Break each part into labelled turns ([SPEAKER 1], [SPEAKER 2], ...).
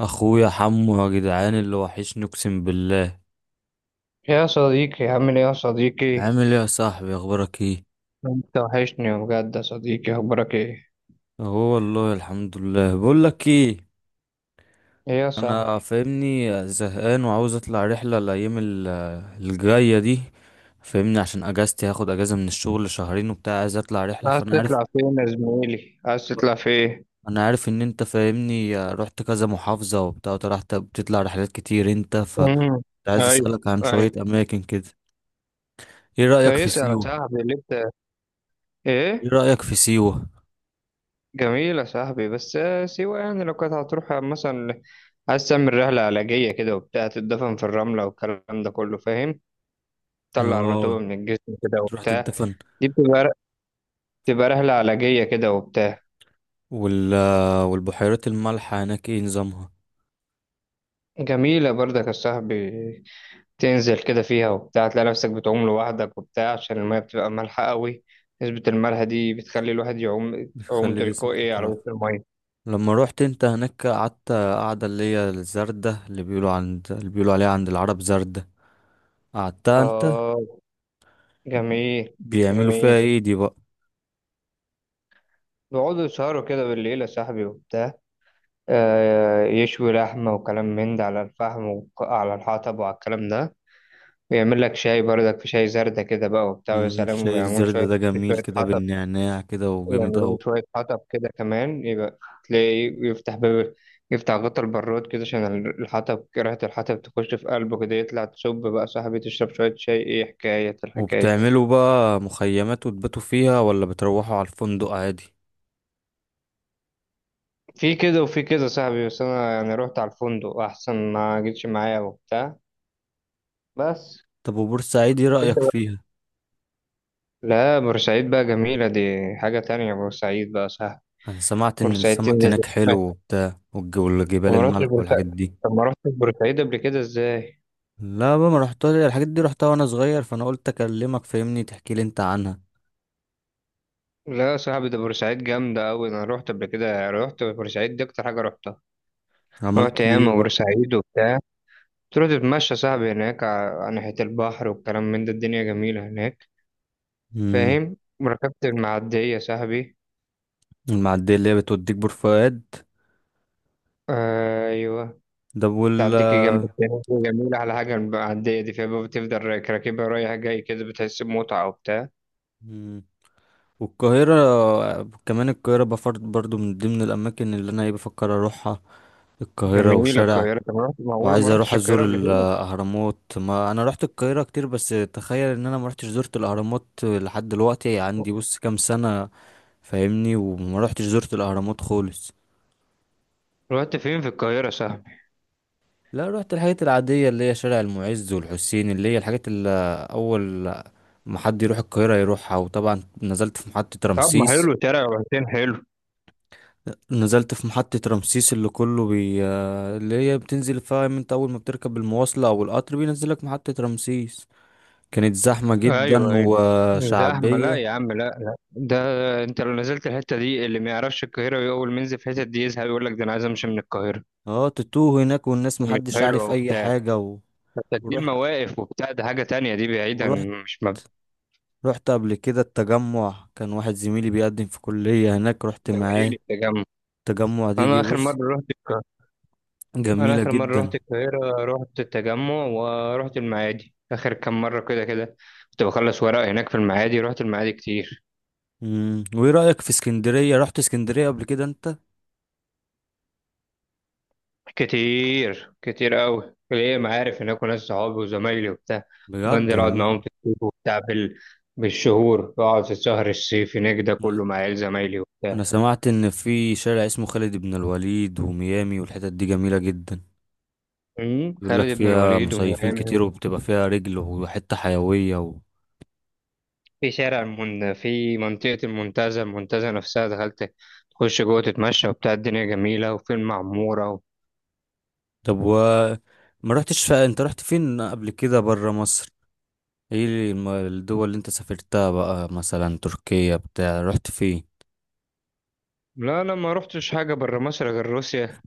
[SPEAKER 1] اخويا حمو يا جدعان اللي وحشني اقسم بالله.
[SPEAKER 2] يا صديقي، عامل ايه يا صديقي؟
[SPEAKER 1] عامل ايه يا صاحبي، اخبارك ايه؟
[SPEAKER 2] انت وحشني بجد يا صديقي، اخبارك ايه؟
[SPEAKER 1] اهو والله الحمد لله. بقول لك ايه،
[SPEAKER 2] ايه يا
[SPEAKER 1] انا
[SPEAKER 2] صاحبي؟
[SPEAKER 1] فاهمني زهقان وعاوز اطلع رحله الايام الجايه دي، فاهمني، عشان اجازتي هاخد اجازه من الشغل شهرين وبتاع، عايز اطلع رحله.
[SPEAKER 2] عايز
[SPEAKER 1] فانا عارف،
[SPEAKER 2] تطلع فين يا زميلي، عايز تطلع فين؟
[SPEAKER 1] انا عارف ان انت فاهمني رحت كذا محافظه وبتاع، رحت بتطلع رحلات كتير انت،
[SPEAKER 2] امم
[SPEAKER 1] فعايز
[SPEAKER 2] ايوه،
[SPEAKER 1] اسالك عن
[SPEAKER 2] ايوه.
[SPEAKER 1] شويه اماكن كده. ايه رايك في
[SPEAKER 2] فيسأل يا
[SPEAKER 1] سيوه؟
[SPEAKER 2] صاحبي اللي انت،
[SPEAKER 1] ايه
[SPEAKER 2] ايه؟
[SPEAKER 1] رايك في سيوه؟
[SPEAKER 2] جميل يا صاحبي، بس سيوة يعني لو كانت هتروح مثلا، عايز تعمل رحلة علاجية كده وبتاع، تتدفن في الرملة والكلام ده كله، فاهم؟ تطلع الرطوبة
[SPEAKER 1] اه،
[SPEAKER 2] من الجسم كده
[SPEAKER 1] تروح
[SPEAKER 2] وبتاع.
[SPEAKER 1] تتدفن.
[SPEAKER 2] دي بتبقى رحلة علاجية كده وبتاع.
[SPEAKER 1] وال والبحيرات المالحة هناك ايه نظامها؟
[SPEAKER 2] جميلة برضك يا صاحبي. تنزل كده فيها وبتاع، تلاقي نفسك بتعوم لوحدك وبتاع، عشان المية بتبقى مالحة قوي. نسبة الملح دي بتخلي الواحد يعوم يعوم
[SPEAKER 1] بتخلي جسمك
[SPEAKER 2] تلقائي على
[SPEAKER 1] يترف.
[SPEAKER 2] وش المية.
[SPEAKER 1] لما روحت انت هناك قعدت قعدة اللي هي الزردة اللي بيقولوا عند، اللي بيقولوا عليها عند العرب زردة، قعدتها انت؟
[SPEAKER 2] آه، جميل.
[SPEAKER 1] بيعملوا فيها
[SPEAKER 2] جميل.
[SPEAKER 1] ايه دي بقى؟
[SPEAKER 2] بيقعدوا يسهروا كده بالليل يا صاحبي وبتاع. آه، يشوي لحمة وكلام من ده على الفحم وعلى الحطب وعلى الكلام ده، ويعمل لك شاي بردك، في شاي زردة كده بقى وبتاع، ويا سلام،
[SPEAKER 1] شاي
[SPEAKER 2] ويعمل
[SPEAKER 1] الزردة
[SPEAKER 2] شوية
[SPEAKER 1] ده جميل
[SPEAKER 2] شوية
[SPEAKER 1] كده
[SPEAKER 2] حطب.
[SPEAKER 1] بالنعناع كده وجامد
[SPEAKER 2] يعملوا
[SPEAKER 1] اهو.
[SPEAKER 2] له شوية حطب كده كمان، يبقى تلاقي إيه، يفتح باب، يفتح غطا البراد كده عشان الحطب، ريحة الحطب تخش في قلبه كده، يطلع تصب بقى صاحبي، تشرب شوية شاي، ايه حكاية الحكاية.
[SPEAKER 1] وبتعملوا بقى مخيمات وتباتوا فيها ولا بتروحوا على الفندق عادي؟
[SPEAKER 2] في كده وفي كده صاحبي، بس أنا يعني رحت على الفندق أحسن، ما جيتش معايا وبتاع، بس.
[SPEAKER 1] طب وبورسعيد ايه
[SPEAKER 2] انت
[SPEAKER 1] رأيك
[SPEAKER 2] بقى.
[SPEAKER 1] فيها؟
[SPEAKER 2] لا، بورسعيد بقى جميلة دي، حاجة تانية بورسعيد بقى، صح؟
[SPEAKER 1] انا سمعت ان
[SPEAKER 2] بورسعيد
[SPEAKER 1] السمك
[SPEAKER 2] تنزل.
[SPEAKER 1] هناك حلو وبتاع،
[SPEAKER 2] طب
[SPEAKER 1] والجبال
[SPEAKER 2] ما رحتش
[SPEAKER 1] الملح
[SPEAKER 2] بورسعيد
[SPEAKER 1] والحاجات دي.
[SPEAKER 2] طب ما رحتش بورسعيد قبل كده ازاي؟
[SPEAKER 1] لا بقى ما رحتها، الحاجات دي رحتها وانا صغير، فانا قلت اكلمك فاهمني تحكي لي انت عنها.
[SPEAKER 2] لا يا صاحبي، ده بورسعيد جامدة أوي، أنا روحت قبل كده، روحت بورسعيد دي أكتر حاجة روحتها. روحت
[SPEAKER 1] عملت ايه
[SPEAKER 2] ياما
[SPEAKER 1] بقى؟
[SPEAKER 2] بورسعيد وبتاع، تروح تتمشى يا صاحبي هناك على ناحية البحر والكلام من ده، الدنيا جميلة هناك،
[SPEAKER 1] امم،
[SPEAKER 2] فاهم؟ وركبت المعدية يا صاحبي.
[SPEAKER 1] المعديه اللي هي بتوديك بور فؤاد.
[SPEAKER 2] أيوه.
[SPEAKER 1] ده وال
[SPEAKER 2] تعديكي جنب التاني، جميلة على حاجة المعدية دي، فيها بقى بتفضل راكبها رايح جاي كده، بتحس بمتعة وبتاع.
[SPEAKER 1] مم. والقاهره كمان، القاهره بفرض برضو من ضمن الاماكن اللي انا ايه بفكر اروحها، القاهره
[SPEAKER 2] جميلة
[SPEAKER 1] والشارع،
[SPEAKER 2] القاهرة، طب معقولة ما
[SPEAKER 1] وعايز اروح
[SPEAKER 2] رحتش القاهرة
[SPEAKER 1] ازور
[SPEAKER 2] قبل كده؟
[SPEAKER 1] الاهرامات. ما انا رحت القاهره كتير بس تخيل ان انا ما رحتش زرت الاهرامات لحد دلوقتي عندي بص كام سنه، فاهمني، وما رحتش زرت الاهرامات خالص.
[SPEAKER 2] رحت فين في القاهرة يا صاحبي؟
[SPEAKER 1] لا رحت الحاجات العادية اللي هي شارع المعز والحسين، اللي هي الحاجات اللي أول ما حد يروح القاهرة يروحها، وطبعا نزلت في محطة
[SPEAKER 2] طب ما حلو
[SPEAKER 1] رمسيس.
[SPEAKER 2] شارع وحسين، حلو.
[SPEAKER 1] نزلت في محطة رمسيس اللي كله بي اللي هي بتنزل، فاهم انت، أول ما بتركب المواصلة أو القطر بينزلك محطة رمسيس. كانت زحمة جدا
[SPEAKER 2] ايوه، ايوه. زحمه؟ لا
[SPEAKER 1] وشعبية.
[SPEAKER 2] يا عم، لا، لا، ده انت لو نزلت الحته دي اللي ما يعرفش القاهره، ويقول منزل في الحته دي يزهق، يقول لك ده انا عايز امشي من القاهره.
[SPEAKER 1] اه، تتوه هناك والناس
[SPEAKER 2] مش
[SPEAKER 1] محدش
[SPEAKER 2] حلوه
[SPEAKER 1] عارف أي
[SPEAKER 2] وبتاع.
[SPEAKER 1] حاجة و...
[SPEAKER 2] بس دي
[SPEAKER 1] ورحت
[SPEAKER 2] المواقف وبتاع، ده حاجه تانية دي، بعيدا.
[SPEAKER 1] ورحت
[SPEAKER 2] مش مب-
[SPEAKER 1] رحت قبل كده التجمع، كان واحد زميلي بيقدم في كلية هناك رحت
[SPEAKER 2] ده بديل
[SPEAKER 1] معاه.
[SPEAKER 2] التجمع.
[SPEAKER 1] التجمع دي جه
[SPEAKER 2] انا اخر
[SPEAKER 1] بص،
[SPEAKER 2] مره رحت القاهره انا
[SPEAKER 1] جميلة
[SPEAKER 2] اخر مره
[SPEAKER 1] جدا.
[SPEAKER 2] رحت القاهره رحت التجمع، ورحت المعادي اخر كام مره كده كده. كنت بخلص ورق هناك في المعادي، رحت المعادي كتير.
[SPEAKER 1] امم، وايه رأيك في اسكندرية؟ رحت اسكندرية قبل كده انت؟
[SPEAKER 2] كتير كتير قوي، ليا معارف هناك وناس صحابي وزمايلي وبتاع. كنت
[SPEAKER 1] بجد
[SPEAKER 2] بنزل اقعد
[SPEAKER 1] والله.
[SPEAKER 2] معاهم في الصيف وبتاع بالشهور، بقعد في الشهر الصيفي هناك ده
[SPEAKER 1] انا
[SPEAKER 2] كله، مع عيال زمايلي وبتاع.
[SPEAKER 1] أنا سمعت ان في شارع اسمه خالد بن الوليد وميامي، والحتت دي جميلة جدا، بيقول لك
[SPEAKER 2] خالد بن
[SPEAKER 1] فيها
[SPEAKER 2] الوليد
[SPEAKER 1] مصيفين
[SPEAKER 2] وميامي.
[SPEAKER 1] كتير وبتبقى فيها رجل وحتة حيوية و...
[SPEAKER 2] في منطقة المنتزه نفسها دخلت. تخش جوه تتمشى وبتاع، الدنيا جميلة، وفي المعمورة و...
[SPEAKER 1] طب و ما رحتش ف... انت رحت فين قبل كده برا مصر؟ ايه الدول اللي انت سافرتها بقى، مثلا تركيا بتاع، رحت فين؟
[SPEAKER 2] لا انا ما رحتش حاجة بره مصر غير روسيا.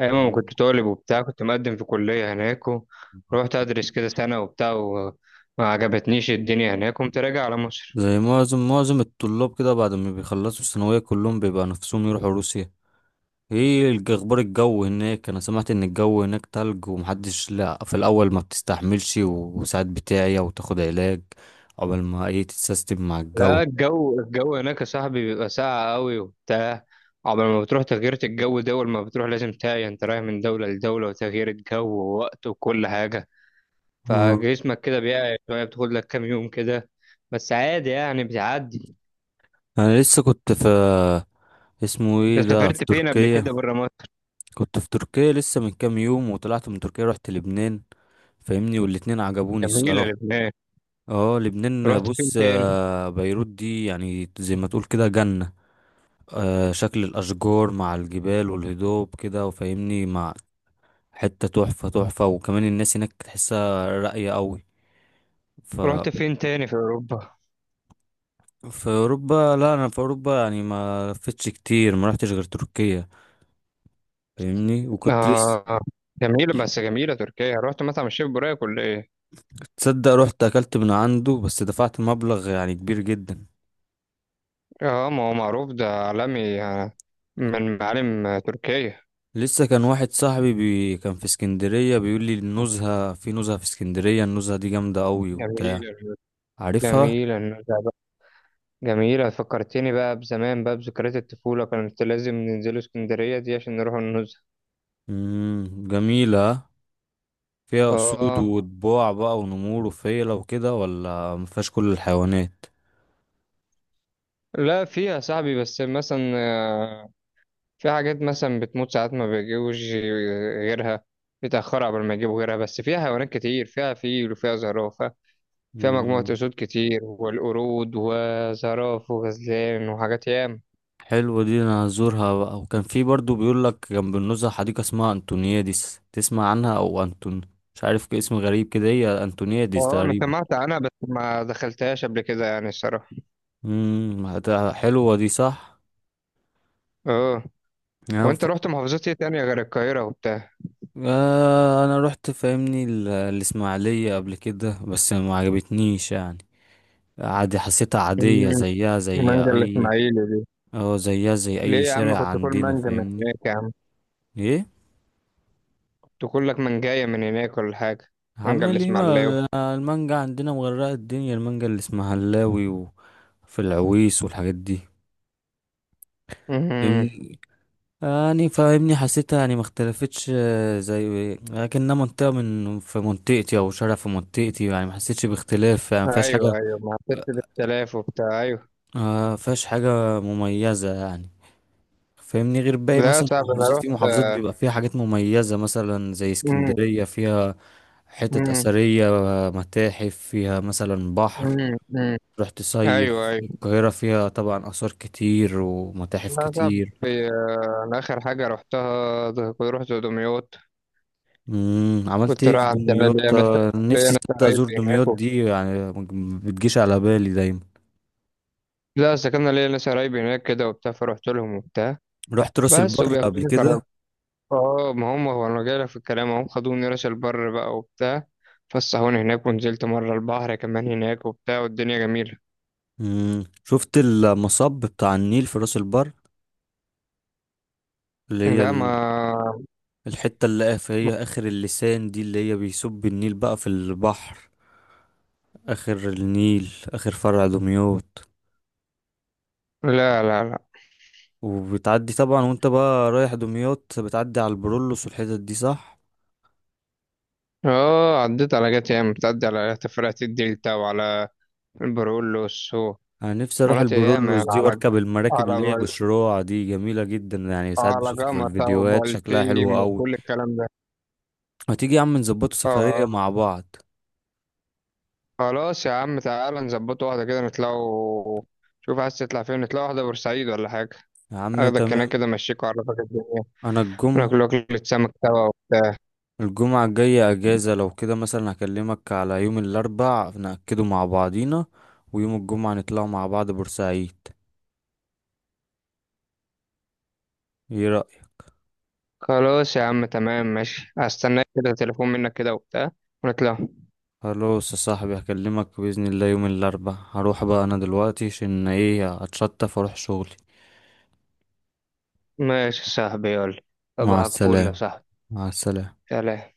[SPEAKER 2] أيام ما كنت طالب وبتاع، كنت مقدم في كلية هناك ورحت أدرس كده سنة وبتاع، وما عجبتنيش الدنيا هناك، قمت راجع على مصر.
[SPEAKER 1] زي معظم الطلاب كده بعد ما بيخلصوا الثانوية كلهم بيبقى نفسهم يروحوا روسيا. ايه اخبار الجو هناك؟ انا سمعت ان الجو هناك تلج ومحدش، لا في الاول ما بتستحملش وساعات بتاعي وتاخد علاج، عقبال ما ايه تتسيستم مع الجو.
[SPEAKER 2] لا، الجو هناك يا صاحبي بيبقى ساقع قوي وبتاع. قبل ما بتروح، تغيير الجو دول ما بتروح، لازم تاقي انت رايح من دولة لدولة، وتغيير الجو ووقت وكل حاجة.
[SPEAKER 1] آه.
[SPEAKER 2] فجسمك كده بيقع شوية، بتاخد لك كام يوم كده. بس عادي يعني، بتعدي.
[SPEAKER 1] انا لسه كنت في، اسمه
[SPEAKER 2] انت
[SPEAKER 1] ايه ده، في
[SPEAKER 2] سافرت فين قبل
[SPEAKER 1] تركيا.
[SPEAKER 2] كده بره مصر؟
[SPEAKER 1] كنت في تركيا لسه من كام يوم، وطلعت من تركيا رحت لبنان، فاهمني، والاتنين عجبوني
[SPEAKER 2] جميلة
[SPEAKER 1] الصراحة.
[SPEAKER 2] لبنان.
[SPEAKER 1] اه لبنان
[SPEAKER 2] رحت فين
[SPEAKER 1] بص،
[SPEAKER 2] تاني؟
[SPEAKER 1] آه، بيروت دي يعني زي ما تقول كده جنة. آه، شكل الأشجار مع الجبال والهضاب كده، وفاهمني، مع حتة تحفة، وكمان الناس هناك تحسها راقية قوي. ف
[SPEAKER 2] رحت فين تاني في أوروبا؟
[SPEAKER 1] في أوروبا، لا أنا في أوروبا يعني ما لفتش كتير، ما رحتش غير تركيا، فاهمني، وكنت لسه.
[SPEAKER 2] آه، جميلة بس، جميلة تركيا. رحت مطعم الشيف بوراك ولا إيه؟
[SPEAKER 1] تصدق رحت أكلت من عنده بس دفعت مبلغ يعني كبير جدا.
[SPEAKER 2] آه، ما هو معروف ده عالمي، من معالم تركيا.
[SPEAKER 1] لسه كان واحد صاحبي كان في اسكندرية بيقول لي النزهة، في نزهة في اسكندرية النزهة دي جامدة قوي وبتاع،
[SPEAKER 2] جميلة.
[SPEAKER 1] عارفها؟
[SPEAKER 2] جميلة النزهة بقى. جميلة فكرتني بقى بزمان، بقى بذكريات الطفولة، كانت لازم ننزلوا اسكندرية دي عشان نروح النزهة.
[SPEAKER 1] جميلة. فيها اسود
[SPEAKER 2] آه.
[SPEAKER 1] وطباع بقى ونمور وفيلة وكده ولا مفيهاش كل الحيوانات؟
[SPEAKER 2] لا، فيها يا صاحبي، بس مثلا في حاجات مثلا بتموت ساعات، ما بيجيبوش غيرها، بيتأخروا قبل ما يجيبوا غيرها، بس فيها حيوانات كتير، فيها فيل وفيها زرافة. فيها مجموعة
[SPEAKER 1] امم،
[SPEAKER 2] أسود كتير، والقرود وزراف وغزلان وحاجات ياما.
[SPEAKER 1] حلوة دي، انا هزورها بقى. وكان في برضو بيقول لك جنب النزهة حديقة اسمها انتونياديس، تسمع عنها؟ او انتون، مش عارف كده، اسم غريب كده، هي انتونياديس
[SPEAKER 2] اه، أنا
[SPEAKER 1] تقريبا.
[SPEAKER 2] سمعت عنها بس ما دخلتهاش قبل كده يعني، الصراحة.
[SPEAKER 1] امم، حلوة دي صح.
[SPEAKER 2] اه. وأنت رحت محافظات إيه تانية غير القاهرة وبتاع؟
[SPEAKER 1] آه، انا رحت فاهمني الاسماعيليه قبل كده بس ما عجبتنيش يعني، عادي حسيتها عاديه
[SPEAKER 2] مم،
[SPEAKER 1] زيها زي
[SPEAKER 2] مانجا
[SPEAKER 1] اي.
[SPEAKER 2] الإسماعيلي دي.
[SPEAKER 1] اه زيها زي اي
[SPEAKER 2] ليه يا عم،
[SPEAKER 1] شارع
[SPEAKER 2] كنت كل
[SPEAKER 1] عندنا
[SPEAKER 2] مانجا من
[SPEAKER 1] فاهمني.
[SPEAKER 2] هناك يا عم.
[SPEAKER 1] ايه؟
[SPEAKER 2] كنت كل لك منجاية من هناك ولا حاجة؟ مانجا
[SPEAKER 1] عمال ايه ما.
[SPEAKER 2] الإسماعيلاوي.
[SPEAKER 1] المانجا عندنا مغرقه الدنيا، المانجا اللي اسمها هلاوي وفي العويس والحاجات دي،
[SPEAKER 2] مم.
[SPEAKER 1] فاهمني. يعني فاهمني حسيتها يعني ما اختلفتش، آه، زي لكنها منطقه من في منطقتي او شارع في منطقتي يعني ما حسيتش باختلاف، يعني ما فيهاش حاجه،
[SPEAKER 2] أيوه، أيوه، ما حسيتش باختلاف وبتاع، أيوه.
[SPEAKER 1] آه فيهاش حاجة مميزة يعني، فاهمني، غير باقي
[SPEAKER 2] لا
[SPEAKER 1] مثلا
[SPEAKER 2] صعب. أنا
[SPEAKER 1] محافظات، في محافظات
[SPEAKER 2] رحت.
[SPEAKER 1] بيبقى فيها حاجات مميزة مثلا زي
[SPEAKER 2] مم.
[SPEAKER 1] اسكندرية فيها حتت
[SPEAKER 2] مم.
[SPEAKER 1] أثرية، متاحف، فيها مثلا بحر
[SPEAKER 2] مم. مم.
[SPEAKER 1] تروح
[SPEAKER 2] أيوه،
[SPEAKER 1] تصيف،
[SPEAKER 2] أيوه.
[SPEAKER 1] القاهرة فيها طبعا آثار كتير ومتاحف
[SPEAKER 2] لا صعب.
[SPEAKER 1] كتير.
[SPEAKER 2] أنا آخر حاجة رحتها كنت رحت دمياط.
[SPEAKER 1] مم. عملت
[SPEAKER 2] كنت
[SPEAKER 1] ايه في
[SPEAKER 2] رايح عند شباب،
[SPEAKER 1] دمياط؟ آه،
[SPEAKER 2] ليا
[SPEAKER 1] نفسي
[SPEAKER 2] ناس
[SPEAKER 1] تصدق
[SPEAKER 2] قرايب
[SPEAKER 1] أزور دمياط
[SPEAKER 2] هناك و...
[SPEAKER 1] دي، يعني ما بتجيش على بالي دايما.
[SPEAKER 2] لا، سكننا ليا ناس قرايب هناك كده وبتاع، فرحت لهم وبتاع.
[SPEAKER 1] رحت راس
[SPEAKER 2] بس
[SPEAKER 1] البر قبل
[SPEAKER 2] وبياخدوني كرم.
[SPEAKER 1] كده؟
[SPEAKER 2] اه، ما هم، هو أنا جايلك في الكلام، هم خدوني راس البر بقى وبتاع. فسحوني هناك، ونزلت مرة البحر كمان هناك وبتاع، والدنيا جميلة.
[SPEAKER 1] مم. شفت المصب بتاع النيل في راس البر، اللي هي
[SPEAKER 2] لا ما
[SPEAKER 1] الحتة اللي في هي آخر اللسان دي اللي هي بيصب النيل بقى في البحر، آخر النيل، آخر فرع دمياط؟
[SPEAKER 2] لا، لا، لا.
[SPEAKER 1] وبتعدي طبعا وانت بقى رايح دمياط بتعدي على البرولوس والحتت دي صح؟
[SPEAKER 2] اه، عديت على، جات ياما بتعدي على تفرقة الدلتا وعلى البرولوس.
[SPEAKER 1] أنا نفسي أروح
[SPEAKER 2] ومرات ياما
[SPEAKER 1] البرولوس
[SPEAKER 2] يعني
[SPEAKER 1] دي وأركب المراكب
[SPEAKER 2] على
[SPEAKER 1] اللي هي بشراع دي، جميلة جدا يعني، ساعات
[SPEAKER 2] على
[SPEAKER 1] بشوفها في
[SPEAKER 2] جمطة
[SPEAKER 1] الفيديوهات شكلها حلو
[SPEAKER 2] وبلطيم
[SPEAKER 1] أوي.
[SPEAKER 2] وكل الكلام ده.
[SPEAKER 1] ما تيجي يا عم نظبطوا سفرية
[SPEAKER 2] اه.
[SPEAKER 1] مع بعض؟
[SPEAKER 2] خلاص يا عم، تعالى نظبط واحدة كده نطلعوا. شوف عايز تطلع فين، نطلع واحدة بورسعيد ولا حاجة.
[SPEAKER 1] يا عم
[SPEAKER 2] اخدك هناك
[SPEAKER 1] تمام.
[SPEAKER 2] كده، امشيك واعرفك الدنيا.
[SPEAKER 1] أنا الجم
[SPEAKER 2] ناكل أكلة سمك سوا وبتاع.
[SPEAKER 1] الجمعة الجاية أجازة، لو كده مثلا هكلمك على يوم الأربع نأكده مع بعضينا، ويوم الجمعة نطلع مع بعض بورسعيد. ايه رأيك؟
[SPEAKER 2] خلاص يا عم، تمام، ماشي، هستناك كده تليفون منك كده وبتاع، ونطلع.
[SPEAKER 1] خلاص يا صاحبي، هكلمك بإذن الله يوم الأربع. هروح بقى أنا دلوقتي عشان ايه هتشطف واروح شغلي.
[SPEAKER 2] ماشي يا صاحبي، يلا.
[SPEAKER 1] مع
[SPEAKER 2] صباحك فل يا
[SPEAKER 1] السلامة.
[SPEAKER 2] صاحبي.
[SPEAKER 1] مع السلامة.
[SPEAKER 2] سلام.